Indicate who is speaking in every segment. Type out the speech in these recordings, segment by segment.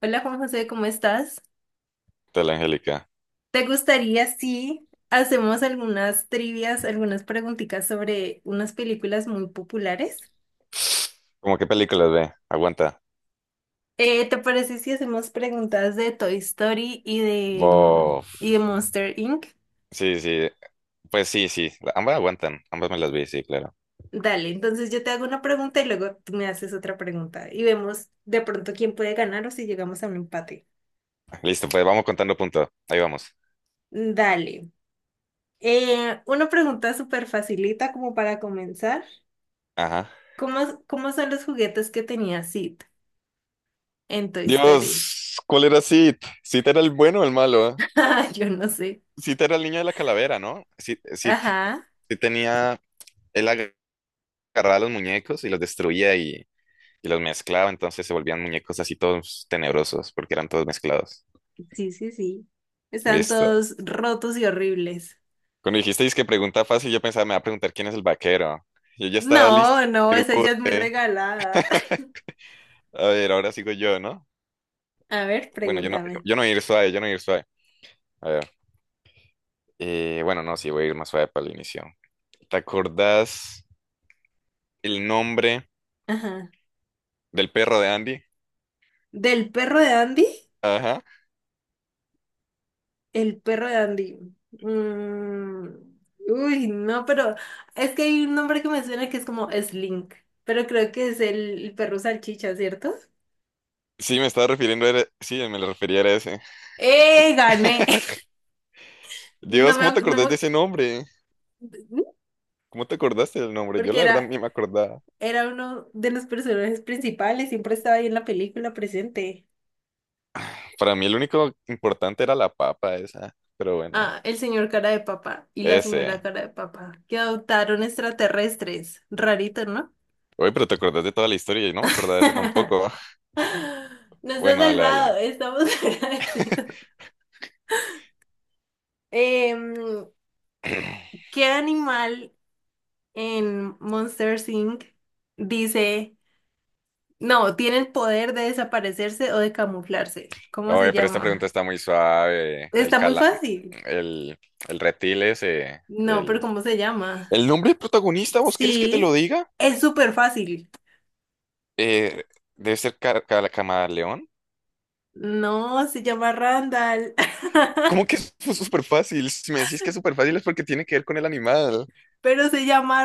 Speaker 1: Hola Juan José, ¿cómo estás?
Speaker 2: Tal Angélica.
Speaker 1: ¿Te gustaría si hacemos algunas trivias, algunas preguntitas sobre unas películas muy populares?
Speaker 2: ¿Cómo qué películas ve? Aguanta.
Speaker 1: ¿Te parece si hacemos preguntas de Toy Story y de
Speaker 2: Bof.
Speaker 1: y de Monster Inc?
Speaker 2: Sí, sí. Pues sí, sí. Ambas aguantan. Ambas me las vi, sí, claro.
Speaker 1: Dale, entonces yo te hago una pregunta y luego tú me haces otra pregunta y vemos de pronto quién puede ganar o si llegamos a un empate.
Speaker 2: Listo, pues vamos contando punto. Ahí vamos.
Speaker 1: Dale. Una pregunta súper facilita como para comenzar.
Speaker 2: Ajá.
Speaker 1: ¿Cómo son los juguetes que tenía Sid en Toy Story?
Speaker 2: Dios, ¿cuál era Sid? Sid era el bueno o el malo. ¿Eh?
Speaker 1: Yo no sé.
Speaker 2: Sid era el niño de la calavera, ¿no? Sid, Sid,
Speaker 1: Ajá,
Speaker 2: Sid tenía. Él agarraba los muñecos y los destruía y los mezclaba, entonces se volvían muñecos así todos tenebrosos porque eran todos mezclados.
Speaker 1: sí, sí, sí. Están
Speaker 2: Listo.
Speaker 1: todos rotos y horribles.
Speaker 2: Cuando dijisteis que pregunta fácil, yo pensaba, me va a preguntar quién es el vaquero. Yo ya estaba listo.
Speaker 1: No, no,
Speaker 2: Pero,
Speaker 1: esa ya es muy
Speaker 2: eh,
Speaker 1: regalada.
Speaker 2: a ver, ahora sigo yo, ¿no?
Speaker 1: A ver,
Speaker 2: Bueno, yo no,
Speaker 1: pregúntame.
Speaker 2: yo no voy a ir suave, yo no voy a ir suave. A ver. Bueno, no, sí, voy a ir más suave para el inicio. ¿Te acordás el nombre
Speaker 1: Ajá.
Speaker 2: del perro de Andy?
Speaker 1: ¿Del perro de Andy?
Speaker 2: Ajá.
Speaker 1: El perro de Andy. Mm, uy, no, pero es que hay un nombre que me suena que es como Slink, pero creo que es el perro salchicha, ¿cierto?
Speaker 2: Sí, me estaba refiriendo. Sí, me lo refería a ese.
Speaker 1: ¡Eh, gané! No
Speaker 2: Dios,
Speaker 1: me,
Speaker 2: ¿cómo te
Speaker 1: ac- no
Speaker 2: acordás
Speaker 1: me-
Speaker 2: de ese nombre?
Speaker 1: ¿Mm?
Speaker 2: ¿Cómo te acordaste del nombre? Yo
Speaker 1: Porque
Speaker 2: la verdad
Speaker 1: era,
Speaker 2: ni me acordaba.
Speaker 1: era uno de los personajes principales, siempre estaba ahí en la película presente.
Speaker 2: Para mí el único importante era la papa esa. Pero bueno,
Speaker 1: Ah, el señor cara de papa y la señora
Speaker 2: ese.
Speaker 1: cara de papa, que adoptaron extraterrestres. Rarito, ¿no?
Speaker 2: Oye, pero te acordás de toda la historia y no me acordaba de eso tampoco.
Speaker 1: Nos ha
Speaker 2: Bueno, dale,
Speaker 1: salvado,
Speaker 2: dale.
Speaker 1: estamos agradecidos. Em, ¿Qué animal en Monster Inc. dice, no, tiene el poder de desaparecerse o de camuflarse? ¿Cómo se
Speaker 2: Oye, pero esta pregunta
Speaker 1: llama?
Speaker 2: está muy suave.
Speaker 1: Está muy fácil.
Speaker 2: El, el reptil ese,
Speaker 1: No, pero
Speaker 2: el,
Speaker 1: ¿cómo se llama?
Speaker 2: el nombre del protagonista. ¿Vos querés que te lo
Speaker 1: Sí,
Speaker 2: diga?
Speaker 1: es súper fácil.
Speaker 2: Eh, Debe ser Camaleón.
Speaker 1: No, se llama Randall.
Speaker 2: ¿Cómo que es súper fácil? Si me decís que es súper fácil es porque tiene que ver con el animal.
Speaker 1: Pero se llama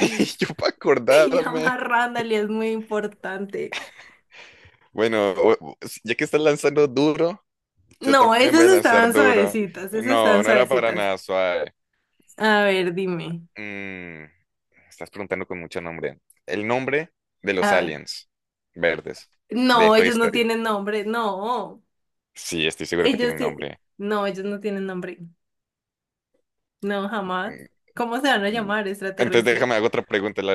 Speaker 2: Y yo para
Speaker 1: Se
Speaker 2: acordarme.
Speaker 1: llama Randall y es muy importante.
Speaker 2: Bueno, ya que estás lanzando duro, yo
Speaker 1: No,
Speaker 2: también voy
Speaker 1: esas
Speaker 2: a lanzar
Speaker 1: estaban
Speaker 2: duro.
Speaker 1: suavecitas, esas
Speaker 2: No,
Speaker 1: están
Speaker 2: no era para
Speaker 1: suavecitas.
Speaker 2: nada suave.
Speaker 1: A ver, dime.
Speaker 2: Mm, estás preguntando con mucho nombre. El nombre de los
Speaker 1: A ver.
Speaker 2: aliens verdes de
Speaker 1: No,
Speaker 2: esta
Speaker 1: ellos no
Speaker 2: historia.
Speaker 1: tienen nombre, no.
Speaker 2: Sí, estoy seguro que
Speaker 1: Ellos
Speaker 2: tienen
Speaker 1: ti-
Speaker 2: nombre.
Speaker 1: No, ellos no tienen nombre. No, jamás. ¿Cómo se van a
Speaker 2: Mm,
Speaker 1: llamar
Speaker 2: Entonces
Speaker 1: extraterrestres?
Speaker 2: déjame hago otra pregunta. La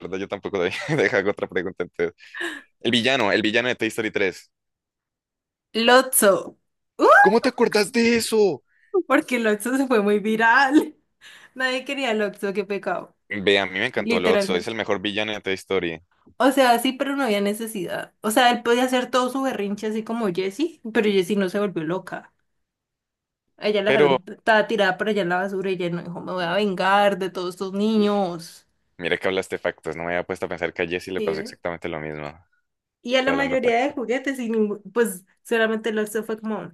Speaker 2: verdad yo tampoco doy. Deja hago otra pregunta entonces. El villano de Toy Story 3.
Speaker 1: Lotso. ¡Uh!
Speaker 2: ¿Cómo te acordás de eso?
Speaker 1: Porque Lotso se fue muy viral. Nadie quería Lotso, qué pecado.
Speaker 2: Ve, a mí me encantó Lotso, es
Speaker 1: Literalmente.
Speaker 2: el mejor villano de Toy Story.
Speaker 1: O sea, sí, pero no había necesidad. O sea, él podía hacer todo su berrinche así como Jessie, pero Jessie no se volvió loca. A ella la
Speaker 2: Pero
Speaker 1: dejaron, estaba tirada por allá en la basura y ella no dijo, me voy a vengar de todos estos niños.
Speaker 2: mira que hablaste factos, no me había puesto a pensar que a Jessie le
Speaker 1: ¿Sí
Speaker 2: pasó
Speaker 1: ve?
Speaker 2: exactamente lo mismo.
Speaker 1: Y a la
Speaker 2: Está hablando.
Speaker 1: mayoría de juguetes, y ningú- pues solamente lo hizo fue como,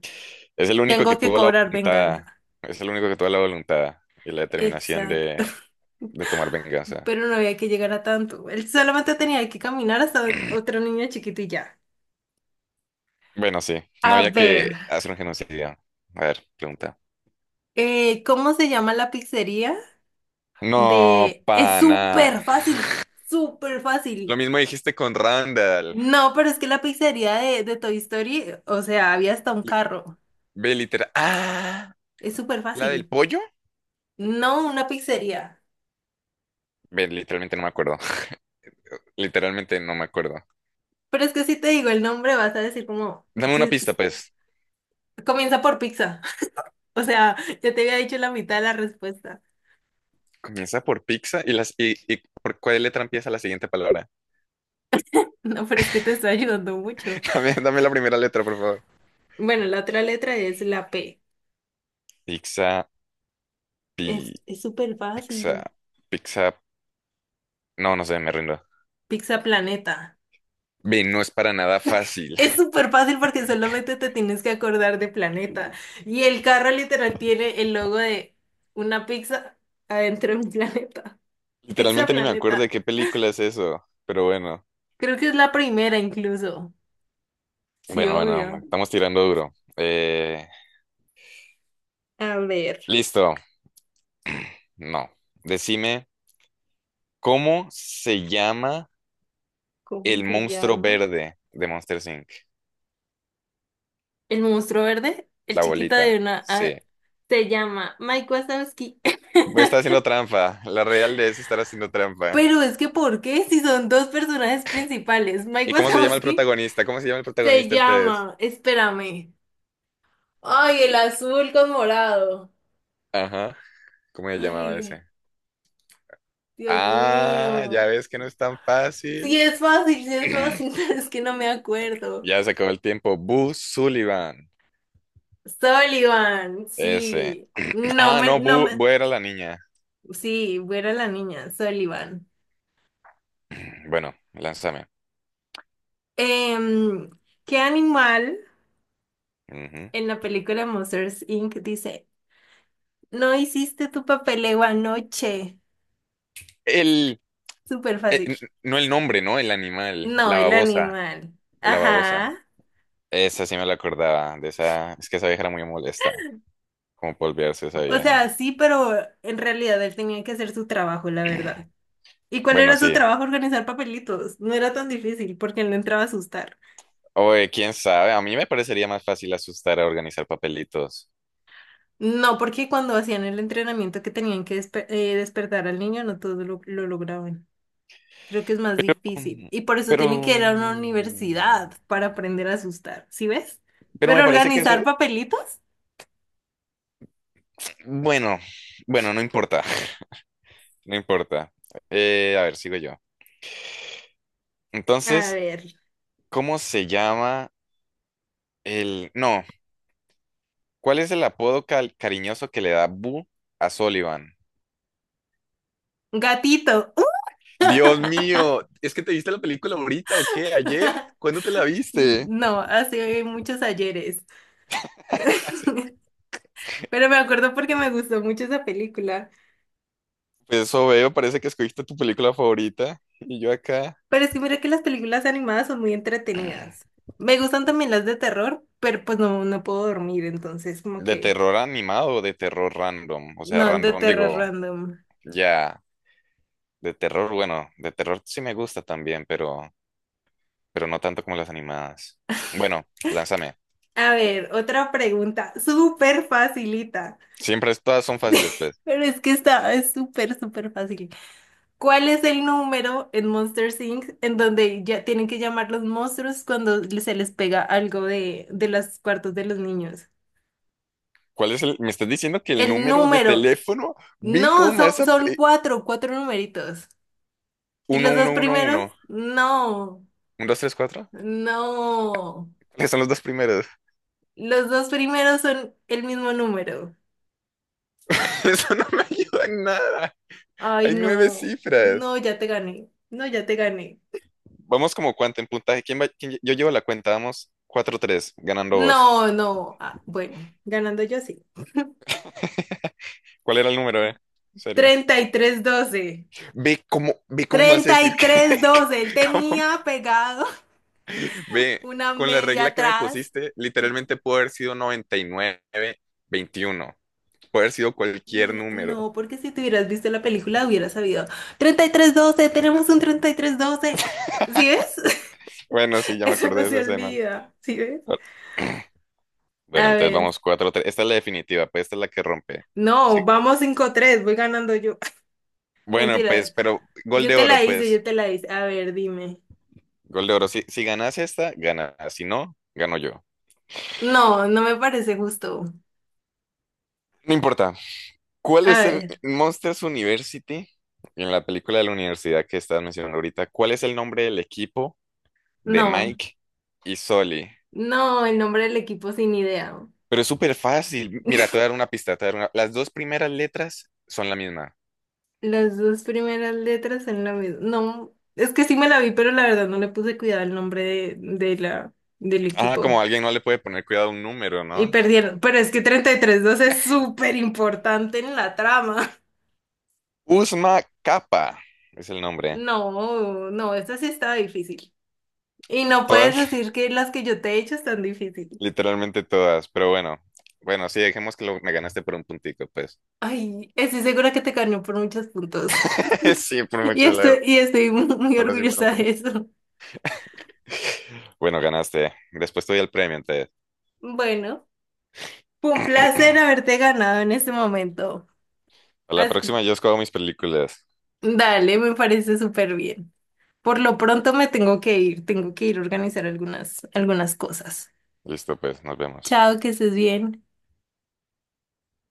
Speaker 2: Es el único que
Speaker 1: tengo que
Speaker 2: tuvo la
Speaker 1: cobrar
Speaker 2: voluntad,
Speaker 1: venganza.
Speaker 2: es el único que tuvo la voluntad y la determinación
Speaker 1: Exacto.
Speaker 2: de, de tomar venganza.
Speaker 1: Pero no había que llegar a tanto. Él solamente tenía que caminar hasta otro niño chiquito y ya.
Speaker 2: Bueno, sí, no
Speaker 1: A
Speaker 2: había
Speaker 1: ver,
Speaker 2: que hacer un genocidio. A ver, pregunta.
Speaker 1: ¿cómo se llama la pizzería?
Speaker 2: No,
Speaker 1: De, es
Speaker 2: pana.
Speaker 1: súper fácil, súper
Speaker 2: Lo
Speaker 1: fácil.
Speaker 2: mismo dijiste con Randall.
Speaker 1: No, pero es que la pizzería de Toy Story, o sea, había hasta un
Speaker 2: Li-
Speaker 1: carro.
Speaker 2: Ve, literal. Ah,
Speaker 1: Es súper
Speaker 2: la del
Speaker 1: fácil.
Speaker 2: pollo.
Speaker 1: No, una pizzería.
Speaker 2: Ve, literalmente no me acuerdo. Literalmente no me acuerdo.
Speaker 1: Pero es que si te digo el nombre, vas a decir como,
Speaker 2: Dame
Speaker 1: si
Speaker 2: una pista,
Speaker 1: es-
Speaker 2: pues.
Speaker 1: comienza por pizza. O sea, ya te había dicho la mitad de la respuesta.
Speaker 2: Comienza por pizza y las y por cuál letra empieza la siguiente palabra.
Speaker 1: No, pero es que te estoy ayudando mucho.
Speaker 2: Dame la primera letra, por favor.
Speaker 1: Bueno, la otra letra es la P.
Speaker 2: Pizza, pi.
Speaker 1: Es súper
Speaker 2: Pizza,
Speaker 1: fácil.
Speaker 2: pizza, no, no sé, me rindo.
Speaker 1: Pizza Planeta.
Speaker 2: Ve, no es para nada fácil.
Speaker 1: Es súper fácil porque solamente te tienes que acordar de planeta. Y el carro literal tiene el logo de una pizza adentro de un planeta. Pizza
Speaker 2: Literalmente ni me acuerdo de
Speaker 1: Planeta.
Speaker 2: qué película es eso, pero bueno,
Speaker 1: Creo que es la primera incluso. Sí,
Speaker 2: bueno, bueno,
Speaker 1: obvio.
Speaker 2: estamos tirando duro. Eh,
Speaker 1: A ver,
Speaker 2: listo, no. Decime, ¿cómo se llama
Speaker 1: ¿cómo
Speaker 2: el
Speaker 1: se
Speaker 2: monstruo
Speaker 1: llama?
Speaker 2: verde de Monster Inc?
Speaker 1: El monstruo verde, el
Speaker 2: La
Speaker 1: chiquito
Speaker 2: bolita,
Speaker 1: de una...
Speaker 2: sí.
Speaker 1: ah, se llama Mike Wazowski.
Speaker 2: Voy haciendo trampa, la real de es estar haciendo trampa.
Speaker 1: Pero es que, ¿por qué? Si son dos personajes principales. Mike
Speaker 2: ¿Y cómo se llama el
Speaker 1: Wazowski
Speaker 2: protagonista? ¿Cómo se llama el
Speaker 1: se
Speaker 2: protagonista entonces?
Speaker 1: llama... Espérame. Ay, el azul con morado.
Speaker 2: Ajá, ¿cómo se llamaba
Speaker 1: Ay,
Speaker 2: ese?
Speaker 1: Dios
Speaker 2: Ah, ya
Speaker 1: mío.
Speaker 2: ves que no es tan fácil.
Speaker 1: Sí es fácil, pero es que no me acuerdo.
Speaker 2: Ya se acabó el tiempo. Boo Sullivan.
Speaker 1: Sullivan,
Speaker 2: Ese.
Speaker 1: sí. No
Speaker 2: Ah,
Speaker 1: me,
Speaker 2: no,
Speaker 1: no
Speaker 2: Boo,
Speaker 1: me.
Speaker 2: Boo era la niña.
Speaker 1: Sí, buena la niña, Sullivan.
Speaker 2: Bueno, lánzame.
Speaker 1: Em, ¿Qué animal
Speaker 2: Ujú.
Speaker 1: en la película Monsters Inc. dice, no hiciste tu papeleo anoche?
Speaker 2: El,
Speaker 1: Súper
Speaker 2: eh,
Speaker 1: fácil.
Speaker 2: n- no el nombre, ¿no? El animal.
Speaker 1: No,
Speaker 2: La
Speaker 1: el
Speaker 2: babosa.
Speaker 1: animal.
Speaker 2: La babosa.
Speaker 1: Ajá.
Speaker 2: Esa sí me la acordaba. De esa, es que esa vieja era muy molesta. Como por olvidarse esa
Speaker 1: O
Speaker 2: vieja.
Speaker 1: sea, sí, pero en realidad él tenía que hacer su trabajo, la verdad. ¿Y cuál
Speaker 2: Bueno,
Speaker 1: era su
Speaker 2: sí.
Speaker 1: trabajo, organizar papelitos? No era tan difícil porque él no entraba a asustar.
Speaker 2: Oye, quién sabe. A mí me parecería más fácil asustar a organizar papelitos.
Speaker 1: No, porque cuando hacían el entrenamiento que tenían que despertar al niño, no todos lo lograban. Creo que es más difícil.
Speaker 2: Mm,
Speaker 1: Y por eso
Speaker 2: Pero.
Speaker 1: tienen que ir a una universidad para aprender a asustar. ¿Sí ves?
Speaker 2: Pero
Speaker 1: Pero
Speaker 2: me parece que eso.
Speaker 1: organizar papelitos.
Speaker 2: Bueno, bueno, no importa. No importa. A ver, sigo yo.
Speaker 1: A
Speaker 2: Entonces,
Speaker 1: ver.
Speaker 2: ¿cómo se llama el... No, ¿cuál es el apodo cariñoso que le da Boo a Sullivan?
Speaker 1: Gatito.
Speaker 2: Dios mío, ¿es que te viste la película ahorita o qué? ¿Ayer? ¿Cuándo te la viste?
Speaker 1: No, hace muchos ayeres. Pero me acuerdo porque me gustó mucho esa película.
Speaker 2: Pues eso veo, parece que escogiste tu película favorita. Y yo acá,
Speaker 1: Pero es que mira que las películas animadas son muy entretenidas. Me gustan también las de terror, pero pues no puedo dormir, entonces como
Speaker 2: de
Speaker 1: que
Speaker 2: terror animado o de terror random. O sea,
Speaker 1: no, de
Speaker 2: random,
Speaker 1: terror
Speaker 2: digo,
Speaker 1: random.
Speaker 2: ya, de terror, bueno, de terror sí me gusta también, pero no tanto como las animadas. Bueno, lánzame.
Speaker 1: A ver, otra pregunta, súper facilita.
Speaker 2: Siempre todas son fáciles, pues.
Speaker 1: Pero es que está, es súper, súper fácil. ¿Cuál es el número en Monster Inc. en donde ya tienen que llamar los monstruos cuando se les pega algo de los cuartos de los niños?
Speaker 2: ¿Cuál es el? Me estás diciendo que el
Speaker 1: El
Speaker 2: número de
Speaker 1: número.
Speaker 2: teléfono, vi cómo
Speaker 1: No,
Speaker 2: me vas
Speaker 1: son,
Speaker 2: a
Speaker 1: son
Speaker 2: pe-
Speaker 1: cuatro, cuatro numeritos. Y
Speaker 2: Uno
Speaker 1: los dos primeros,
Speaker 2: 1,
Speaker 1: no,
Speaker 2: 2 3 cuatro.
Speaker 1: no.
Speaker 2: ¿Cuáles son los dos primeros?
Speaker 1: Los dos primeros son el mismo número.
Speaker 2: Eso no me ayuda en nada.
Speaker 1: Ay,
Speaker 2: Hay nueve
Speaker 1: no, no,
Speaker 2: cifras.
Speaker 1: ya te gané. No, ya te gané.
Speaker 2: Vamos como cuánto en puntaje. ¿Quién va? Yo llevo la cuenta, vamos 4-3 ganando vos.
Speaker 1: No, no. Ah, bueno, ganando yo sí.
Speaker 2: ¿Cuál era el número, eh? Serio.
Speaker 1: 33-12,
Speaker 2: Ve cómo me vas a
Speaker 1: treinta
Speaker 2: decir
Speaker 1: y
Speaker 2: que,
Speaker 1: tres
Speaker 2: que-
Speaker 1: doce. Él
Speaker 2: cómo,
Speaker 1: tenía pegado
Speaker 2: ve,
Speaker 1: una
Speaker 2: con la
Speaker 1: media
Speaker 2: regla que me
Speaker 1: atrás.
Speaker 2: pusiste,
Speaker 1: Y
Speaker 2: literalmente pudo haber sido 9921. Puede haber sido cualquier
Speaker 1: no,
Speaker 2: número.
Speaker 1: no, porque si te hubieras visto la película hubieras sabido. 33-12, tenemos un 33-12. ¿Sí ves?
Speaker 2: Bueno, sí, ya me
Speaker 1: Eso
Speaker 2: acordé
Speaker 1: no
Speaker 2: de esa
Speaker 1: se
Speaker 2: escena.
Speaker 1: olvida, ¿sí ves?
Speaker 2: Ah, bueno,
Speaker 1: A
Speaker 2: entonces
Speaker 1: ver,
Speaker 2: vamos 4-3. Esta es la definitiva, pues esta es la que rompe. Sí.
Speaker 1: no, vamos 5-3, voy ganando yo.
Speaker 2: Bueno, pues,
Speaker 1: Mentira,
Speaker 2: pero gol
Speaker 1: yo
Speaker 2: de
Speaker 1: te
Speaker 2: oro,
Speaker 1: la hice,
Speaker 2: pues.
Speaker 1: yo te la hice. A ver, dime.
Speaker 2: Gol de oro. Si ganas esta, gana. Si no, gano yo.
Speaker 1: No, no me parece justo.
Speaker 2: No importa. ¿Cuál
Speaker 1: A
Speaker 2: es el
Speaker 1: ver,
Speaker 2: Monsters University? En la película de la universidad que estás mencionando ahorita, ¿cuál es el nombre del equipo de
Speaker 1: no,
Speaker 2: Mike y Sully?
Speaker 1: no, el nombre del equipo sin idea.
Speaker 2: Pero es súper fácil. Mira, te voy a dar una pista, te voy a dar una- Las dos primeras letras son la misma.
Speaker 1: Las dos primeras letras son lo mismo. No, es que sí me la vi, pero la verdad no le puse cuidado al nombre de la, del
Speaker 2: Ah,
Speaker 1: equipo.
Speaker 2: como alguien no le puede poner cuidado a un número,
Speaker 1: Y
Speaker 2: ¿no?
Speaker 1: perdieron, pero es que 33-2 es súper importante en la trama.
Speaker 2: Uzma Capa es el nombre.
Speaker 1: No, no, esta sí estaba difícil. Y no puedes
Speaker 2: Todas,
Speaker 1: decir que las que yo te he hecho están difíciles.
Speaker 2: literalmente todas, pero bueno. Bueno, sí, dejemos que me ganaste por un puntico, pues.
Speaker 1: Ay, estoy segura que te ganó por muchos puntos.
Speaker 2: Sí, por
Speaker 1: Y
Speaker 2: mucho,
Speaker 1: estoy,
Speaker 2: la
Speaker 1: y estoy muy
Speaker 2: verdad, sí, fueron
Speaker 1: orgullosa
Speaker 2: por
Speaker 1: de
Speaker 2: mucho.
Speaker 1: eso.
Speaker 2: Bueno, ganaste. Después te doy el premio, entonces.
Speaker 1: Bueno, fue un placer haberte ganado en este momento.
Speaker 2: A la
Speaker 1: Así-
Speaker 2: próxima yo escojo mis películas.
Speaker 1: dale, me parece súper bien. Por lo pronto me tengo que ir a organizar algunas, algunas cosas.
Speaker 2: Listo, pues, nos vemos.
Speaker 1: Chao, que estés bien.